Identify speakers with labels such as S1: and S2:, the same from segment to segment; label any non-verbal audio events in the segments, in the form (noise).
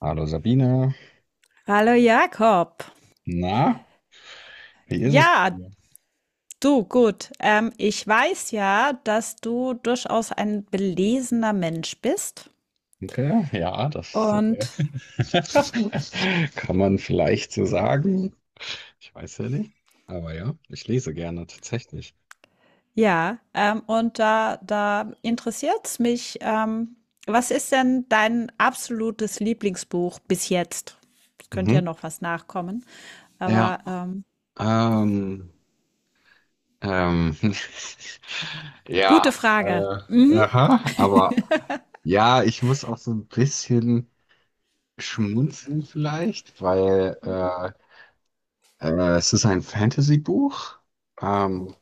S1: Hallo Sabine,
S2: Hallo Jakob.
S1: na, wie ist es bei
S2: Ja,
S1: dir?
S2: du, gut. Ich weiß ja, dass du durchaus ein belesener Mensch bist.
S1: Danke, ja, das
S2: Und
S1: kann man vielleicht so sagen. Ich weiß ja nicht, aber ja, ich lese gerne tatsächlich.
S2: und da interessiert es mich, was ist denn dein absolutes Lieblingsbuch bis jetzt? Es könnte ja
S1: Mhm.
S2: noch was nachkommen.
S1: Ja,
S2: Aber
S1: ähm, ähm, (laughs)
S2: gute
S1: ja,
S2: Frage.
S1: äh,
S2: Mhm.
S1: aha, aber ja, ich muss auch so ein bisschen schmunzeln vielleicht, weil es ist ein Fantasy-Buch. Ähm,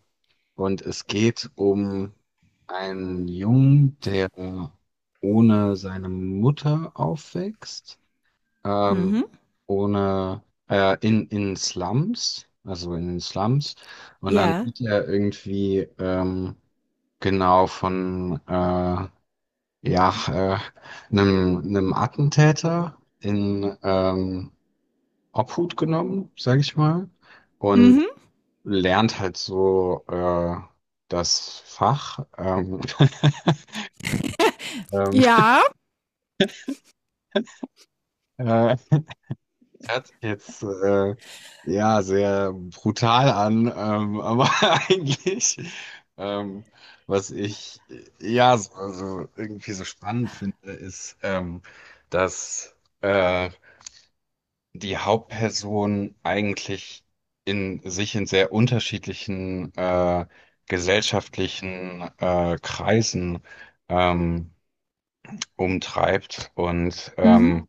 S1: Und es geht um einen Jungen, der ohne seine Mutter aufwächst, ähm,
S2: Mhm.
S1: ohne in Slums, also in den Slums. Und dann
S2: Ja.
S1: wird er irgendwie genau von äh, ja, äh, einem, einem Attentäter in Obhut genommen, sage ich mal. Und
S2: Mhm.
S1: lernt halt so das Fach. (laughs) Ähm,
S2: Ja.
S1: äh, hört sich jetzt ja sehr brutal an, aber (laughs) eigentlich, ähm, was ich ja so, also irgendwie so spannend finde, ist, dass die Hauptperson eigentlich in sich in sehr unterschiedlichen gesellschaftlichen Kreisen ähm, umtreibt und
S2: Mhm.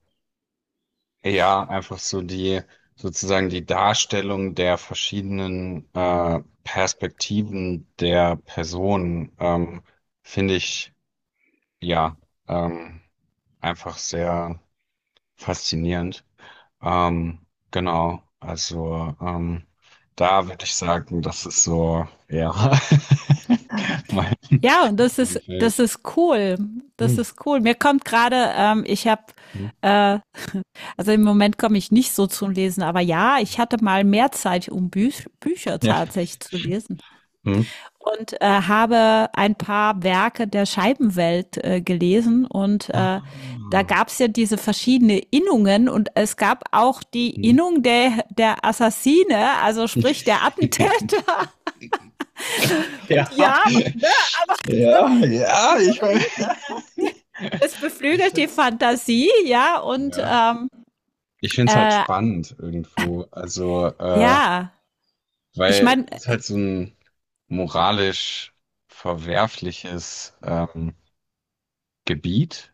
S1: ja, einfach so die sozusagen die Darstellung der verschiedenen Perspektiven der Person finde ich ja ähm, einfach sehr faszinierend. Genau, also da würde ich sagen, das ist so ja (laughs) mein,
S2: Ja, und
S1: mein
S2: das
S1: Feld.
S2: ist cool.
S1: Hm.
S2: Das ist cool. Mir kommt gerade,
S1: Hm.
S2: äh, also im Moment komme ich nicht so zum Lesen, aber ja, ich hatte mal mehr Zeit, um Bü Bücher
S1: Ja.
S2: tatsächlich zu lesen.
S1: Hm.
S2: Und habe ein paar Werke der Scheibenwelt gelesen und da
S1: Ah.
S2: gab es ja diese verschiedenen Innungen und es gab auch die
S1: Hm.
S2: Innung der Assassine, also sprich der
S1: (laughs)
S2: Attentäter. (laughs) Und
S1: Ja,
S2: ja,
S1: ja, ja,
S2: Sie beflügelt ja Es
S1: (laughs) ich
S2: beflügelt die
S1: find's,
S2: Fantasie, ja, und
S1: ja,
S2: ähm,
S1: ich find's halt
S2: äh,
S1: spannend irgendwo. Also,
S2: ja, ich
S1: weil
S2: meine,
S1: es halt so ein moralisch verwerfliches Gebiet,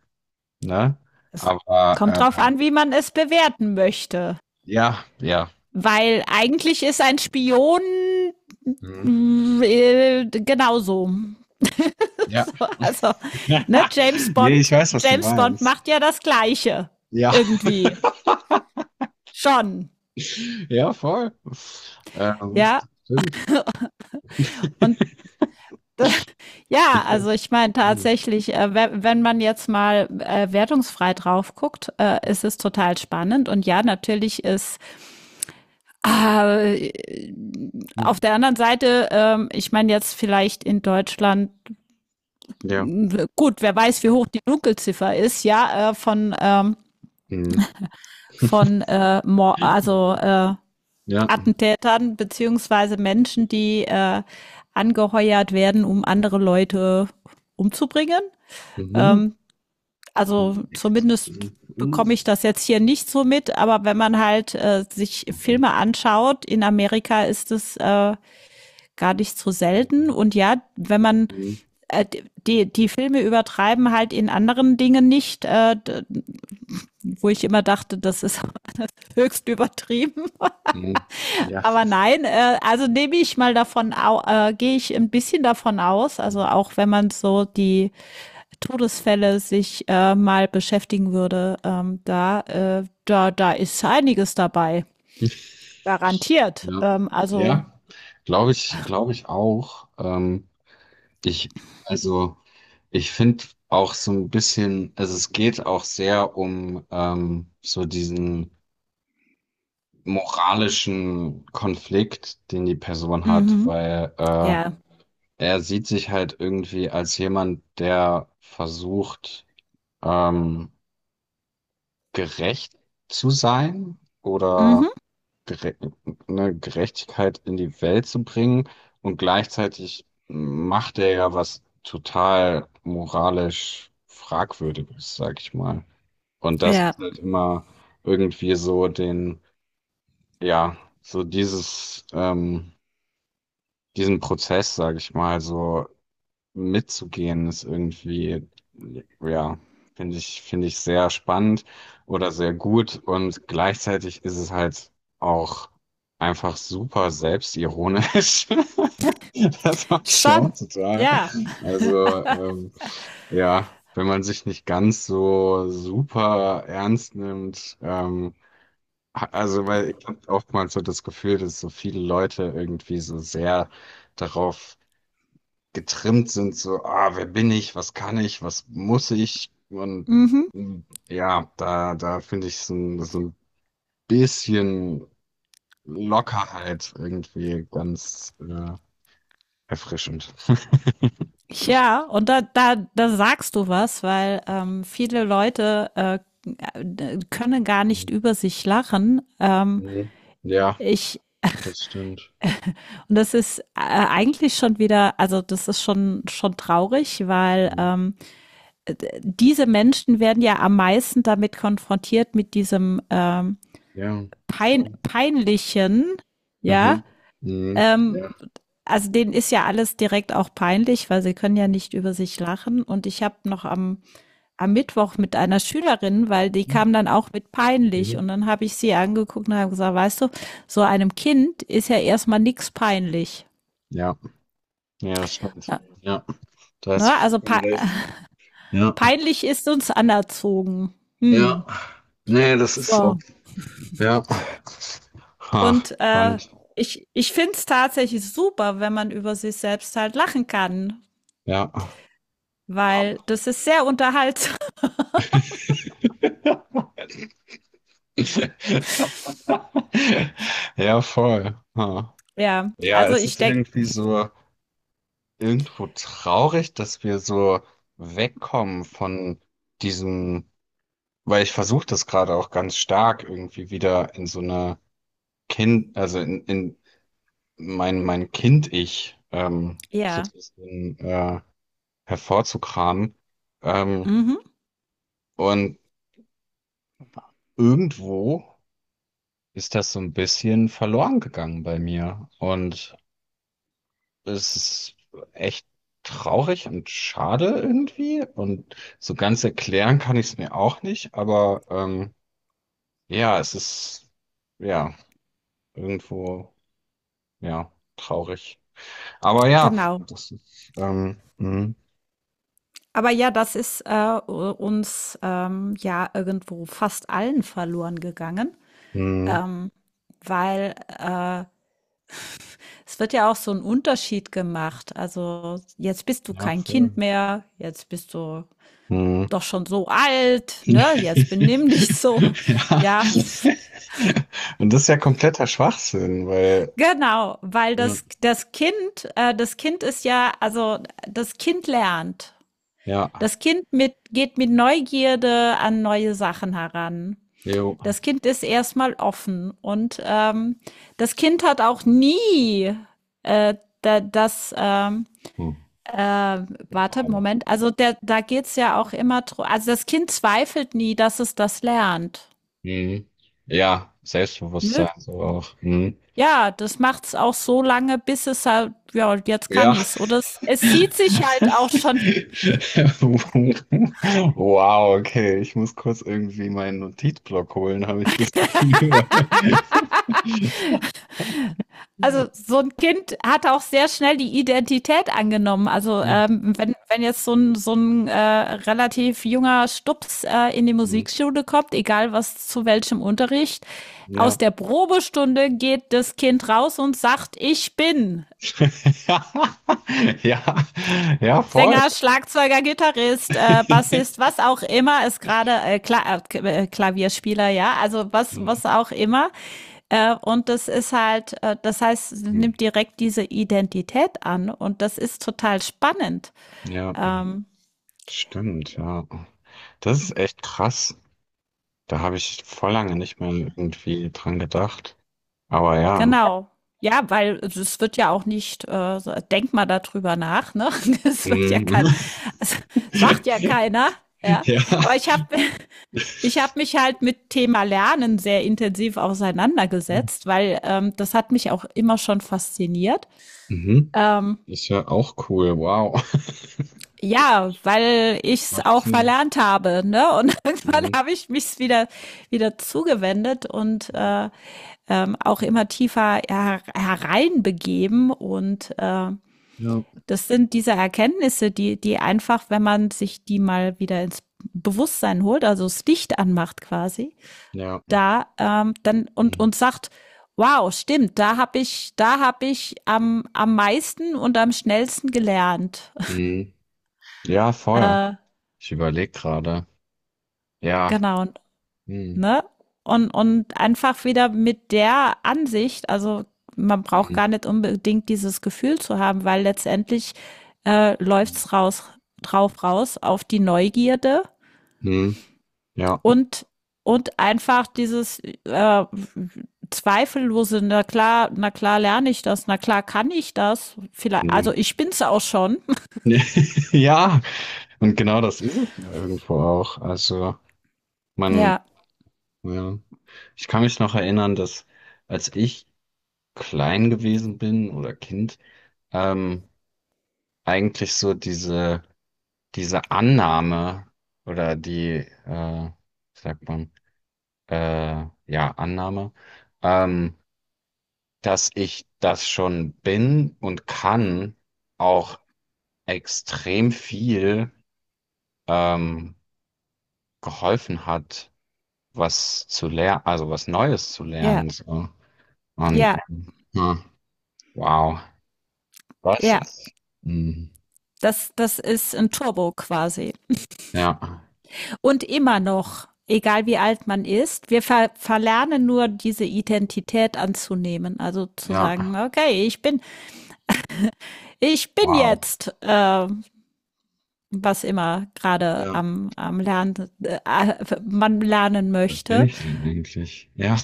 S1: ne?
S2: es
S1: Aber
S2: kommt drauf an, wie man es bewerten möchte.
S1: ja, ja,
S2: Weil eigentlich ist ein Spion
S1: mhm,
S2: genauso. (laughs)
S1: ja.
S2: so, also, ne, James
S1: (laughs) Nee, ich
S2: Bond,
S1: weiß, was du
S2: James Bond
S1: meinst.
S2: macht ja das Gleiche.
S1: Ja,
S2: Irgendwie. Schon.
S1: ja, voll. Ähm,
S2: Ja,
S1: stimmt.
S2: und
S1: (laughs)
S2: Ja,
S1: Ich
S2: also
S1: find's,
S2: ich meine
S1: hm.
S2: tatsächlich, wenn man jetzt mal wertungsfrei drauf guckt, ist es total spannend. Und ja, natürlich ist äh,
S1: Hm.
S2: auf der anderen Seite, ich meine jetzt vielleicht in Deutschland,
S1: Ja.
S2: mh, gut, wer weiß, wie hoch die Dunkelziffer ist, ja, äh, von, ähm,
S1: Mhm.
S2: von äh, Mor- also äh,
S1: Ja.
S2: Attentätern beziehungsweise Menschen, die angeheuert werden, um andere Leute umzubringen.
S1: Mhm.
S2: Ähm,
S1: Um
S2: also
S1: die Ecke zu
S2: zumindest
S1: fressen. Mhm.
S2: bekomme ich das jetzt hier nicht so mit, aber wenn man halt
S1: Ich
S2: sich
S1: auch
S2: Filme
S1: nicht.
S2: anschaut, in Amerika ist es gar nicht so selten. Und ja, wenn man
S1: Mhm.
S2: äh, die Filme übertreiben halt in anderen Dingen nicht, wo ich immer dachte, das ist (laughs) höchst übertrieben. (laughs)
S1: Mhm. Ja.
S2: Aber
S1: (laughs)
S2: nein, also nehme ich mal davon, gehe ich ein bisschen davon aus, also
S1: Mhm.
S2: auch wenn man so die Todesfälle sich mal beschäftigen würde, da ist einiges dabei. Garantiert.
S1: Ja.
S2: Also,
S1: Ja. Glaube ich auch. Ich, also, ich finde auch so ein bisschen, also es geht auch sehr um so diesen moralischen Konflikt, den die Person hat,
S2: mhm.
S1: weil
S2: Ja.
S1: er sieht sich halt irgendwie als jemand, der versucht, ähm, gerecht zu sein oder
S2: Mhm.
S1: gere ne, Gerechtigkeit in die Welt zu bringen. Und gleichzeitig macht er ja was total moralisch Fragwürdiges, sag ich mal. Und das
S2: Ja.
S1: ist halt immer irgendwie so den, ja, so dieses, diesen Prozess, sag ich mal, so mitzugehen, ist irgendwie, ja, finde ich sehr spannend oder sehr gut. Und gleichzeitig ist es halt auch einfach super selbstironisch. (laughs) Das mag ich ja auch
S2: Schon.
S1: total.
S2: Ja.
S1: Also, ja, wenn man sich nicht ganz so super ernst nimmt, Also, weil ich habe oftmals so das Gefühl, dass so viele Leute irgendwie so sehr darauf getrimmt sind, so, ah, wer bin ich, was kann ich, was muss ich? Und
S2: Mhm.
S1: mm, ja, da finde ich so, so ein bisschen Lockerheit irgendwie ganz erfrischend. (laughs)
S2: Ja, und da sagst du was, weil viele Leute können gar nicht über sich lachen.
S1: Mhm. Ja,
S2: Ich,
S1: das stimmt.
S2: und das ist eigentlich schon wieder, also das ist schon traurig, weil
S1: Mhm.
S2: diese Menschen werden ja am meisten damit konfrontiert mit diesem
S1: Ja, voll.
S2: peinlichen, ja,
S1: Mhm. Mhm.
S2: ähm,
S1: Ja.
S2: also denen ist ja alles direkt auch peinlich, weil sie können ja nicht über sich lachen. Und ich habe noch am Mittwoch mit einer Schülerin, weil die kam dann auch mit peinlich.
S1: Mhm.
S2: Und dann habe ich sie angeguckt und habe gesagt, weißt du, so einem Kind ist ja erstmal nichts peinlich.
S1: Ja, ja, das stimmt.
S2: Ja.
S1: Ja, da hast du
S2: Ne? Also pe
S1: vollkommen recht. Ja,
S2: peinlich ist uns anerzogen.
S1: ja.
S2: Hm.
S1: Nee, das ist so.
S2: So.
S1: Ja. Ha,
S2: Und
S1: spannend.
S2: ich finde es tatsächlich super, wenn man über sich selbst halt lachen kann,
S1: Ja.
S2: weil
S1: Hammer.
S2: das ist sehr unterhaltsam. (laughs)
S1: (laughs) Ja, voll. Ha.
S2: Ja,
S1: Ja,
S2: also
S1: es
S2: ich
S1: ist
S2: denke,
S1: irgendwie so irgendwo traurig, dass wir so wegkommen von diesem, weil ich versuche das gerade auch ganz stark irgendwie wieder in so eine Kind, also in mein Kind-Ich so
S2: ja,
S1: ein bisschen hervorzukramen. Ähm,
S2: mhm,
S1: und irgendwo ist das so ein bisschen verloren gegangen bei mir. Und es ist echt traurig und schade irgendwie. Und so ganz erklären kann ich es mir auch nicht. Aber ja, es ist ja irgendwo ja traurig. Aber ja,
S2: genau.
S1: das ist
S2: Aber ja, das ist uns ja irgendwo fast allen verloren gegangen,
S1: mh,
S2: ähm, weil es wird ja auch so ein Unterschied gemacht. Also jetzt bist du
S1: ja
S2: kein
S1: voll.
S2: Kind mehr, jetzt bist du
S1: Mh.
S2: doch schon so alt, ne? Jetzt benimm dich
S1: (laughs)
S2: so.
S1: Ja.
S2: Ja, pf,
S1: Und das ist ja kompletter Schwachsinn, weil
S2: genau, weil
S1: ja,
S2: das, das Kind, das Kind ist ja, also das Kind lernt.
S1: ja,
S2: Das Kind geht mit Neugierde an neue Sachen heran.
S1: jo.
S2: Das Kind ist erstmal offen und das Kind hat auch nie äh, da, das, ähm,
S1: Hm.
S2: äh, warte,
S1: Wow.
S2: Moment, also der, da geht's ja auch immer, dr- also das Kind zweifelt nie, dass es das lernt.
S1: Mhm. Ja,
S2: Ne?
S1: Selbstbewusstsein so auch. Mhm.
S2: Ja, das macht's auch so lange, bis es halt ja, jetzt kann
S1: Ja.
S2: ich's. Oder es sieht
S1: (laughs)
S2: sich halt auch schon
S1: Wow, okay. Ich muss kurz irgendwie meinen Notizblock holen, habe ich das Gefühl. Mhm.
S2: also, so ein Kind hat auch sehr schnell die Identität angenommen. Also, wenn jetzt so ein relativ junger Stups, in die
S1: Mhm.
S2: Musikschule kommt, egal was zu welchem Unterricht, aus
S1: Ja.
S2: der Probestunde geht das Kind raus und sagt: „Ich bin“
S1: (laughs) Ja, ja, voll.
S2: Sänger, Schlagzeuger, Gitarrist, Bassist,
S1: (laughs)
S2: was auch immer ist gerade Klavierspieler, ja, also
S1: Mhm.
S2: was auch immer. Und das ist halt, das heißt,
S1: Mhm.
S2: nimmt direkt diese Identität an und das ist total spannend.
S1: Ja, hm.
S2: Ähm,
S1: Stimmt, ja. Das ist echt krass. Da habe ich vor lange nicht mehr irgendwie dran gedacht. Aber ja.
S2: genau. Ja, weil es wird ja auch nicht, so- denk mal darüber nach, ne? (laughs) Das wird ja kein,
S1: Mhm.
S2: es sagt ja
S1: (laughs)
S2: keiner, ja.
S1: Ja.
S2: Aber ich habe Ich habe mich halt mit Thema Lernen sehr intensiv auseinandergesetzt, weil das hat mich auch immer schon fasziniert.
S1: Mhm.
S2: Ähm,
S1: Ist ja auch cool. Wow. (laughs)
S2: ja, weil ich es
S1: Macht
S2: auch
S1: Sinn.
S2: verlernt habe, ne? (laughs) Und irgendwann
S1: Mhm.
S2: habe ich mich wieder zugewendet und
S1: Mhm.
S2: auch immer tiefer hereinbegeben. Und
S1: Ja.
S2: das sind diese Erkenntnisse, die einfach, wenn man sich die mal wieder ins Bewusstsein holt, also das Licht anmacht quasi,
S1: Ja.
S2: da dann
S1: Mhm.
S2: und sagt, wow, stimmt, da habe ich am meisten und am schnellsten gelernt. (laughs)
S1: Mhm. Ja, voll.
S2: Äh,
S1: Ich überlege gerade. Ja.
S2: genau,
S1: Mhm.
S2: ne? Und einfach wieder mit der Ansicht, also man braucht
S1: Mhm.
S2: gar nicht unbedingt dieses Gefühl zu haben, weil letztendlich läuft's raus drauf raus auf die Neugierde
S1: Mhm. Ja.
S2: und, und einfach dieses Zweifellose, na klar, na klar lerne ich das, na klar kann ich das. Vielleicht, also
S1: Mhm.
S2: ich bin's auch schon. (laughs)
S1: (laughs) Ja. Und genau das ist es ja irgendwo auch. Also man,
S2: Ja,
S1: ja. Ich kann mich noch erinnern, dass als ich klein gewesen bin oder Kind, ähm, eigentlich so diese Annahme oder die, äh, wie sagt man, ja, Annahme, ähm, dass ich das schon bin und kann, auch extrem viel ähm, geholfen hat, was zu lernen, also was Neues zu
S2: ja,
S1: lernen. So. Und
S2: ja,
S1: ja, wow, was
S2: ja.
S1: ist? mm,
S2: Das, das ist ein Turbo quasi.
S1: Ja,
S2: Und immer noch, egal wie alt man ist, wir verlernen nur diese Identität anzunehmen. Also zu sagen,
S1: ja.
S2: okay, ich bin
S1: Wow,
S2: jetzt, was immer gerade
S1: ja.
S2: am Lernen, äh, man lernen
S1: Was bin
S2: möchte.
S1: ich denn eigentlich? Ja.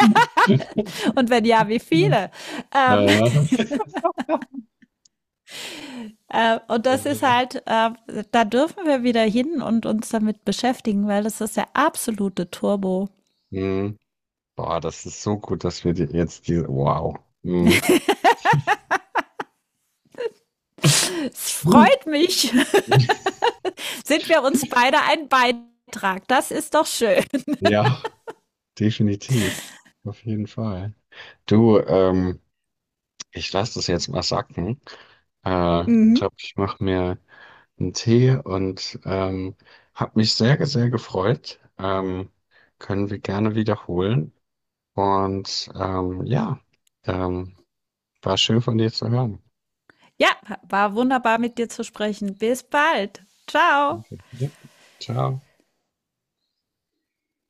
S1: (laughs)
S2: Und wenn ja, wie viele?
S1: Äh,
S2: Ähm, und das ist halt, da dürfen wir wieder hin und uns damit beschäftigen, weil das ist der absolute Turbo.
S1: mhm. Boah, das ist so gut, dass wir die, jetzt diese. Wow. Mhm.
S2: Es
S1: (laughs) Uh.
S2: freut mich. (laughs) Sind wir uns beide ein Beitrag? Das ist doch schön.
S1: Ja, definitiv. Auf jeden Fall. Du, ich lasse das jetzt mal sacken. Ich
S2: Mhm.
S1: glaube, ich mache mir einen Tee und habe mich sehr, sehr gefreut. Können wir gerne wiederholen. Und ja, ähm, war schön von dir zu hören.
S2: Ja, war wunderbar mit dir zu sprechen. Bis bald. Ciao.
S1: Okay. Ja. Ciao.